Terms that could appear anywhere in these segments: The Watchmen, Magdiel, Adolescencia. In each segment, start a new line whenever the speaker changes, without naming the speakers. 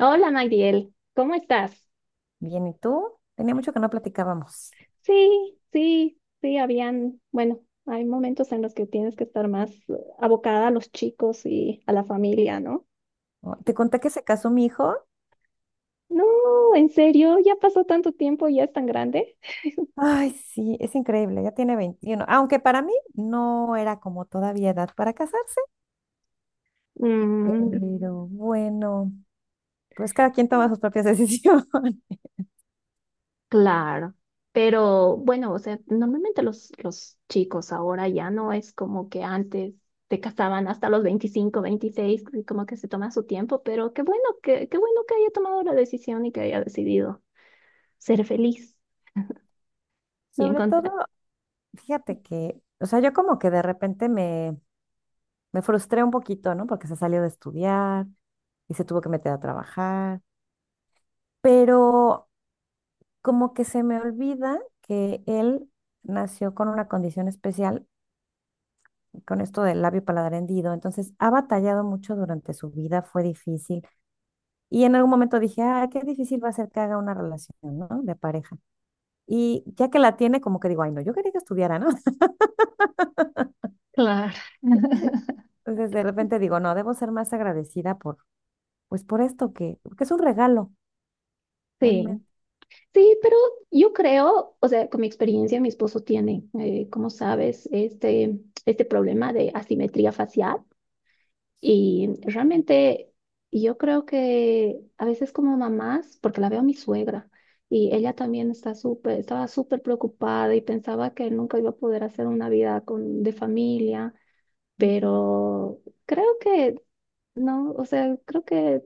Hola Magdiel, ¿cómo estás?
Bien, ¿y tú? Tenía mucho que no platicábamos.
Sí, sí, sí, bueno, hay momentos en los que tienes que estar más abocada a los chicos y a la familia, ¿no?
¿No? Te conté que se casó mi hijo.
No, en serio, ya pasó tanto tiempo y ya es tan grande.
Ay, sí, es increíble, ya tiene 21, aunque para mí no era como todavía edad para casarse,
Mm,
pero bueno, pues cada quien toma sus propias decisiones.
claro, pero bueno, o sea, normalmente los chicos ahora ya no es como que antes te casaban hasta los 25, 26 y como que se toma su tiempo, pero qué bueno que haya tomado la decisión y que haya decidido ser feliz. Y
Sobre todo,
encontrar.
fíjate que, o sea, yo como que de repente me frustré un poquito, ¿no? Porque se salió de estudiar y se tuvo que meter a trabajar, pero como que se me olvida que él nació con una condición especial con esto del labio paladar hendido, entonces ha batallado mucho durante su vida, fue difícil. Y en algún momento dije, ah, qué difícil va a ser que haga una relación, ¿no? De pareja. Y ya que la tiene, como que digo, ay, no, yo quería que estudiara, ¿no?
Claro.
Entonces de repente digo, no, debo ser más agradecida por, pues por esto que es un regalo,
Sí,
realmente.
sí, pero yo creo, o sea, con mi experiencia, mi esposo tiene, como sabes, este problema de asimetría facial y realmente yo creo que a veces como mamás, porque la veo a mi suegra y ella también estaba súper preocupada y pensaba que nunca iba a poder hacer una vida con, de familia,
Ujú.
pero creo que no, o sea, creo que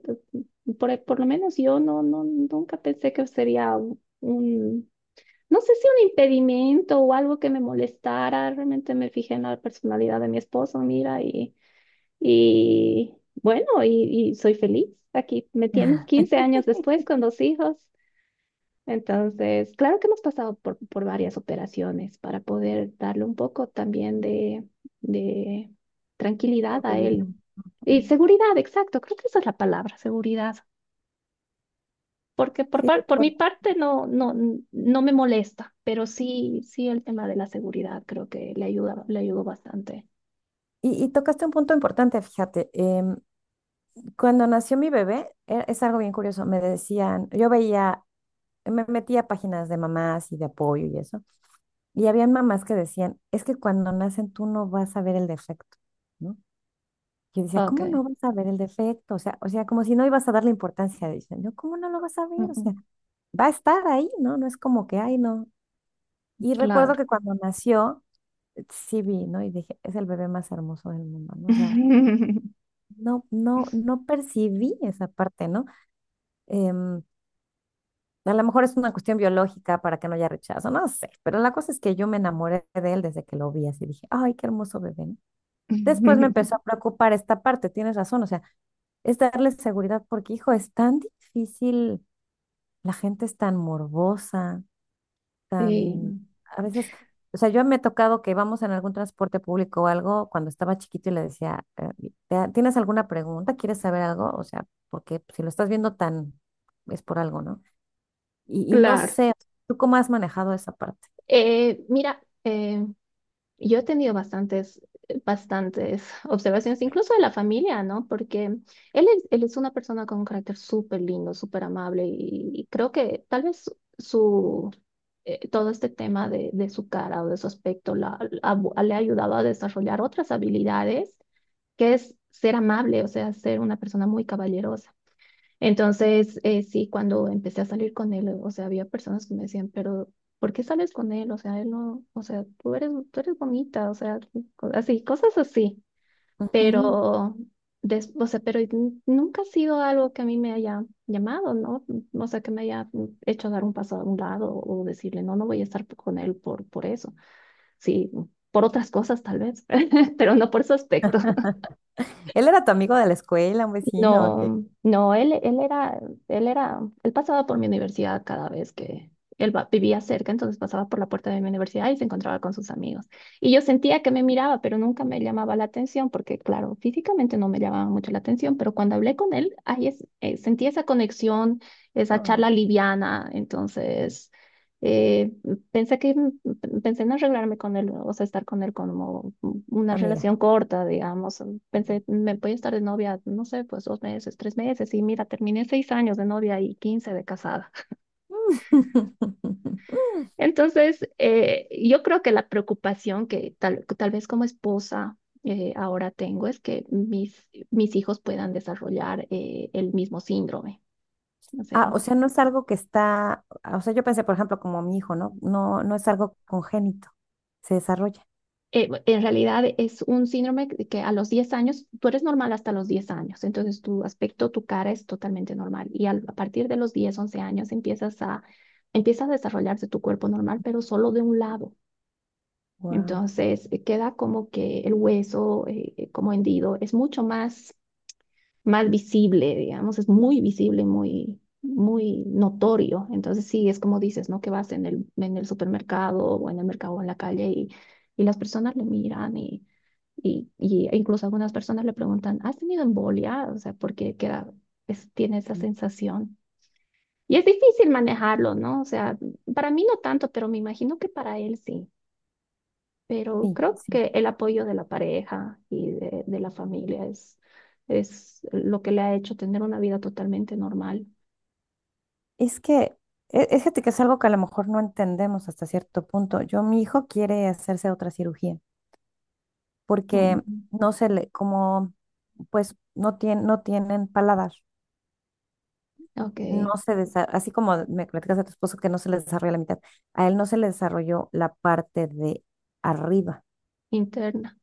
por, lo menos yo no, no, nunca pensé que sería un, no sé si un impedimento o algo que me molestara. Realmente me fijé en la personalidad de mi esposo, mira, y, y bueno, y soy feliz. Aquí me tienes 15 años después con dos hijos. Entonces, claro que hemos pasado por varias operaciones para poder darle un poco también de, de
Está
tranquilidad a
curioso.
él. Y
Ujú.
seguridad, exacto, creo que esa es la palabra, seguridad. Porque
Sí,
por mi parte no, no, no me molesta, pero sí, sí el tema de la seguridad creo que le ayudó bastante.
y tocaste un punto importante, fíjate. Cuando nació mi bebé, es algo bien curioso. Me decían, yo veía, me metí a páginas de mamás y de apoyo y eso. Y había mamás que decían, es que cuando nacen tú no vas a ver el defecto, ¿no? Yo decía,
Ok.
¿cómo no vas a ver el defecto? O sea, como si no ibas a darle importancia. Dicen, no, ¿cómo no lo vas a
Mm,
ver? O sea,
mm,
va a estar ahí, ¿no? No es como que, ay, no. Y recuerdo
claro.
que cuando nació, sí vi, ¿no? Y dije, es el bebé más hermoso del mundo, ¿no? O sea, no, no, no percibí esa parte, ¿no? Em, A lo mejor es una cuestión biológica para que no haya rechazo, no sé, pero la cosa es que yo me enamoré de él desde que lo vi así, dije, ay, qué hermoso bebé. ¿No? Después me empezó a preocupar esta parte, tienes razón, o sea, es darle seguridad porque, hijo, es tan difícil, la gente es tan morbosa, tan,
Sí,
a veces, o sea, yo me he tocado que vamos en algún transporte público o algo cuando estaba chiquito y le decía, ¿tienes alguna pregunta? ¿Quieres saber algo? O sea, porque si lo estás viendo tan, es por algo, ¿no? Y no
claro.
sé, ¿tú cómo has manejado esa parte?"
Mira, yo he tenido bastantes, bastantes observaciones, incluso de la familia, ¿no? Porque él es una persona con un carácter súper lindo, súper amable y, creo que tal vez su, todo este tema de, su cara o de su aspecto le ha ayudado a desarrollar otras habilidades, que es ser amable, o sea, ser una persona muy caballerosa. Entonces, sí, cuando empecé a salir con él, o sea, había personas que me decían, pero ¿por qué sales con él? O sea, él no, o sea, tú eres bonita, o sea, así, cosas así.
Ujú.
Pero, o sea, pero nunca ha sido algo que a mí me haya llamado, ¿no? O sea, que me haya hecho dar un paso a un lado o decirle, no, no voy a estar con él por eso. Sí, por otras cosas tal vez, pero no por su aspecto.
Él era tu amigo de la escuela, un vecino, que
No, no, él pasaba por mi universidad cada vez que él vivía cerca, entonces pasaba por la puerta de mi universidad y se encontraba con sus amigos. Y yo sentía que me miraba, pero nunca me llamaba la atención, porque claro, físicamente no me llamaba mucho la atención, pero cuando hablé con él, sentí esa conexión, esa charla liviana, entonces eh, pensé que pensé en arreglarme con él, o sea, estar con él como una
amiga.
relación corta, digamos. Pensé, me voy a estar de novia, no sé, pues 2 meses, 3 meses, y mira, terminé 6 años de novia y 15 de casada. Entonces, yo creo que la preocupación que tal vez como esposa ahora tengo es que mis hijos puedan desarrollar el mismo síndrome. O sea,
Ah, o sea, no es algo que está, ah, o sea, yo pensé, por ejemplo, como mi hijo, ¿no? No, no es algo congénito, se desarrolla.
en realidad es un síndrome que a los 10 años, tú eres normal hasta los 10 años, entonces tu aspecto, tu cara es totalmente normal y a partir de los 10 11 años empieza a desarrollarse tu cuerpo normal, pero solo de un lado.
Wow.
Entonces queda como que el hueso como hendido es mucho más, más visible, digamos, es muy visible, muy, muy notorio. Entonces sí, es como dices, ¿no? Que vas en en el supermercado o en el mercado o en la calle y, las personas le miran y incluso algunas personas le preguntan, ¿has tenido embolia? O sea, porque queda, tiene esa sensación. Y es difícil manejarlo, ¿no? O sea, para mí no tanto, pero me imagino que para él sí. Pero
Sí,
creo
sí.
que el apoyo de la pareja y de, la familia es lo que le ha hecho tener una vida totalmente normal.
Es que, es, fíjate que es algo que a lo mejor no entendemos hasta cierto punto. Yo, mi hijo quiere hacerse otra cirugía porque
Mm,
no se le, como, pues, no tienen paladar.
ok,
No se desa- Así como me platicas a tu esposo que no se le desarrolla la mitad, a él no se le desarrolló la parte de arriba.
interna.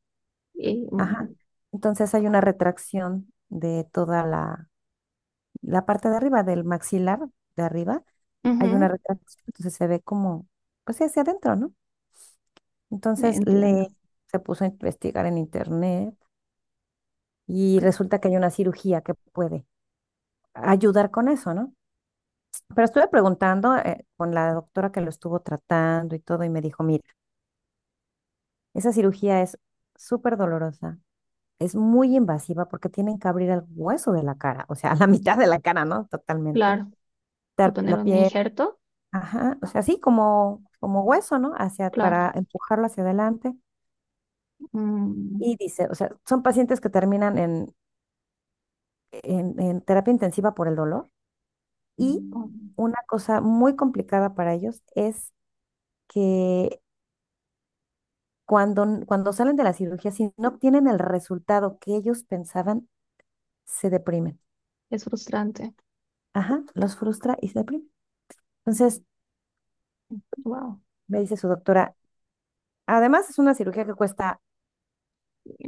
Y, mm,
Ajá. Entonces hay una retracción de toda la parte de arriba, del maxilar de arriba, hay una
ujú,
retracción, entonces se ve como, pues sí, hacia adentro, ¿no? Entonces le
entiendo.
se puso a investigar en internet y
Cl-
resulta que hay una cirugía que puede ayudar con eso, ¿no? Pero estuve preguntando con la doctora que lo estuvo tratando y todo, y me dijo, mira, esa cirugía es súper dolorosa, es muy invasiva porque tienen que abrir el hueso de la cara, o sea, la mitad de la cara, ¿no? Totalmente.
Claro. Y
Dar
poner
la
un
piel,
injerto,
ajá, o sea, así como hueso, ¿no? Hacia, para
claro.
empujarlo hacia adelante.
Mm,
Y dice, o sea, son pacientes que terminan en terapia intensiva por el dolor.
oh.
Y una cosa muy complicada para ellos es que cuando salen de la cirugía, si no obtienen el resultado que ellos pensaban, se deprimen.
Es frustrante.
Ajá, los frustra y se deprime. Entonces,
Wow,
me dice su doctora, además es una cirugía que cuesta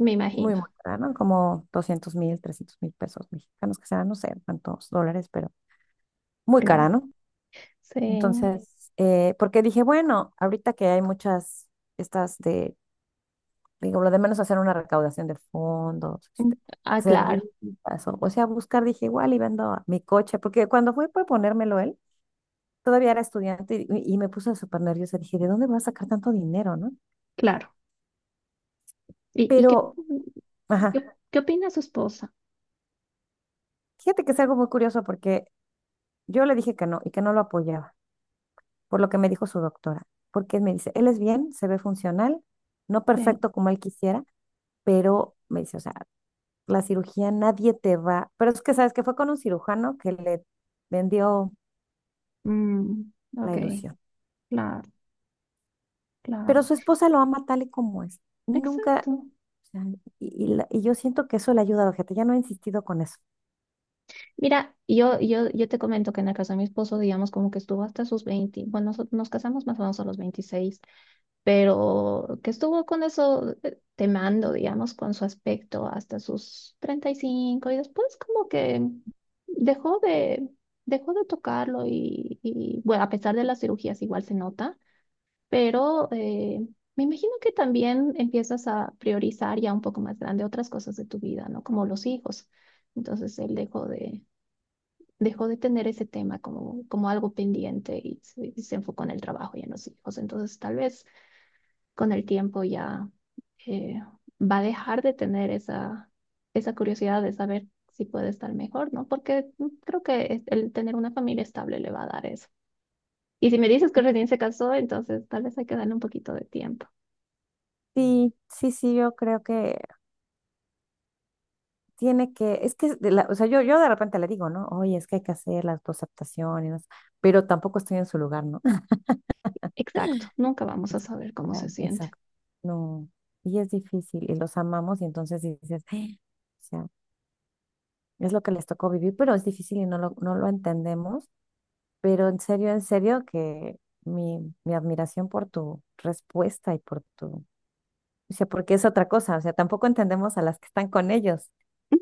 me
muy,
imagino,
muy cara, ¿no? Como 200,000, 300,000 pesos mexicanos, que sean, no sé cuántos dólares, pero muy cara,
claro.
¿no?
Sí.
Entonces, porque dije, bueno, ahorita que hay muchas estas de, digo, lo de menos hacer una recaudación de fondos, este,
Ah,
hacer
claro,
rifas, o sea, buscar, dije, igual y vendo mi coche, porque cuando fue por ponérmelo él, todavía era estudiante y me puse súper nerviosa, dije, ¿de dónde voy a sacar tanto dinero, no?
claro. ¿Y, qué,
Pero, ajá,
qué opina su esposa?
fíjate que es algo muy curioso porque yo le dije que no y que no lo apoyaba, por lo que me dijo su doctora, porque me dice, él es bien, se ve funcional, no
Sí.
perfecto como él quisiera, pero me dice, o sea, la cirugía nadie te va, pero es que sabes que fue con un cirujano que le vendió
Mm,
la
ok,
ilusión,
claro,
pero
claro.
su esposa lo ama tal y como es, nunca,
Exacto.
o sea, y yo siento que eso le ayuda, fíjate, ya no he insistido con eso.
Mira, yo te comento que en la casa de mi esposo, digamos, como que estuvo hasta sus 20. Bueno, nos casamos más o menos a los 26, pero que estuvo con eso temando, digamos, con su aspecto hasta sus 35 y cinco y después como que dejó de, dejó de tocarlo y, bueno, a pesar de las cirugías igual se nota, pero me imagino que también empiezas a priorizar ya un poco más grande otras cosas de tu vida, ¿no? Como los hijos. Entonces él dejó de tener ese tema como algo pendiente y se enfocó en el trabajo y en los hijos. Entonces, tal vez con el tiempo ya eh, va a dejar de tener esa curiosidad de saber si puede estar mejor, ¿no? Porque creo que el tener una familia estable le va a dar eso. Y si me dices que recién se casó, entonces tal vez hay que darle un poquito de tiempo.
Sí, sí, sí, yo creo que tiene que, es que, o sea, yo de repente le digo, ¿no? Oye, es que hay que hacer las dos aceptaciones, pero tampoco estoy en su lugar, ¿no?
Exacto, nunca vamos a saber cómo
Ah,
se siente.
exacto. No. Y es difícil y los amamos y entonces dices, "Ah", o sea, es lo que les tocó vivir, pero es difícil y no lo entendemos. Pero en serio, que mi admiración por tu respuesta y por tu... Dice, porque es otra cosa, o sea, tampoco entendemos a las que están con ellos,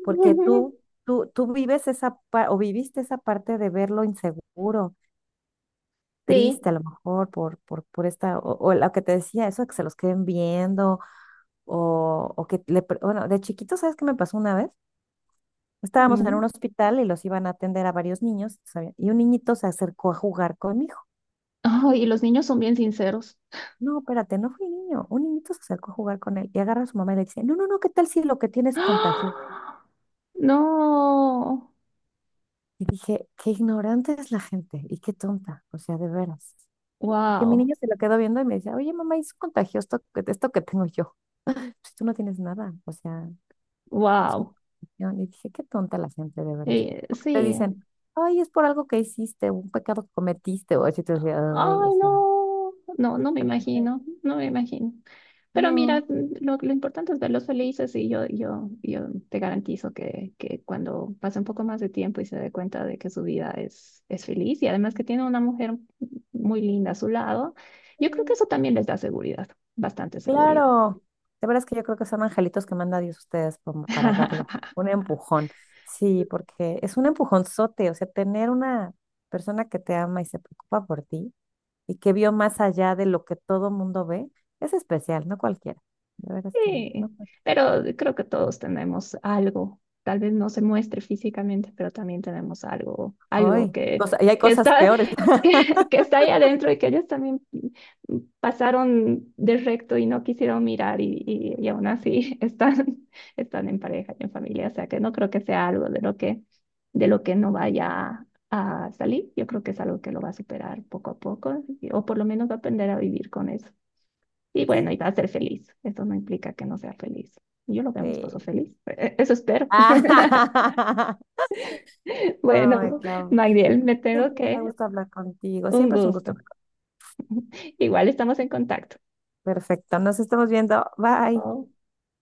porque tú vives o viviste esa parte de verlo inseguro, triste
Sí.
a lo mejor por esta, o lo que te decía, eso de que se los queden viendo, o que bueno, de chiquito, ¿sabes qué me pasó una vez? Estábamos en un
Mm.
hospital y los iban a atender a varios niños, ¿sabes? Y un niñito se acercó a jugar con mi hijo.
Ay, y los niños son bien sinceros.
No, espérate, no fui niño, un niñito se acercó a jugar con él y agarra a su mamá y le dice, no, no, no, ¿qué tal si lo que tienes contagio?
¡Ah! No,
Y dije, qué ignorante es la gente y qué tonta, o sea, de veras. Que mi
wow,
niña se lo quedó viendo y me decía, oye, mamá, ¿es contagioso esto que tengo yo? Pues tú no tienes nada, o sea, es una
wow.
contagión. Y dije, qué tonta la gente, de veras. Porque te
Sí,
dicen, ay, es por algo que hiciste, un pecado que cometiste, o así te decía, ay, o
ay,
sea,
no, no, no me imagino, no me imagino. Pero mira,
no.
lo importante es verlos felices y yo te garantizo que cuando pase un poco más de tiempo y se dé cuenta de que su vida es feliz y además que tiene una mujer muy linda a su lado, yo creo que eso también les da seguridad, bastante seguridad.
Claro, de veras que yo creo que son angelitos que manda Dios a ustedes como para darle un empujón. Sí, porque es un empujonzote, o sea, tener una persona que te ama y se preocupa por ti y que vio más allá de lo que todo mundo ve, es especial, no cualquiera. De veras que no.
Sí, pero creo que todos tenemos algo. Tal vez no se muestre físicamente, pero también tenemos algo,
Ay, y hay
que
cosas
está,
peores.
que está ahí adentro y que ellos también pasaron de recto y no quisieron mirar y aún así están en pareja y en familia. O sea que no creo que sea algo de lo que no vaya a salir. Yo creo que es algo que lo va a superar poco a poco, o por lo menos va a aprender a vivir con eso. Y bueno,
Sí,
y va a ser feliz. Eso no implica que no sea feliz. Yo lo veo a mi esposo
sí.
feliz. Eso espero.
Ah,
Bueno,
ay, Clau,
Magdiel, me tengo
siempre me
que...
gusta hablar contigo,
Un
siempre es un
gusto.
gusto. Hablar contigo.
Igual estamos en contacto.
Perfecto, nos estamos viendo. Bye.
Oh.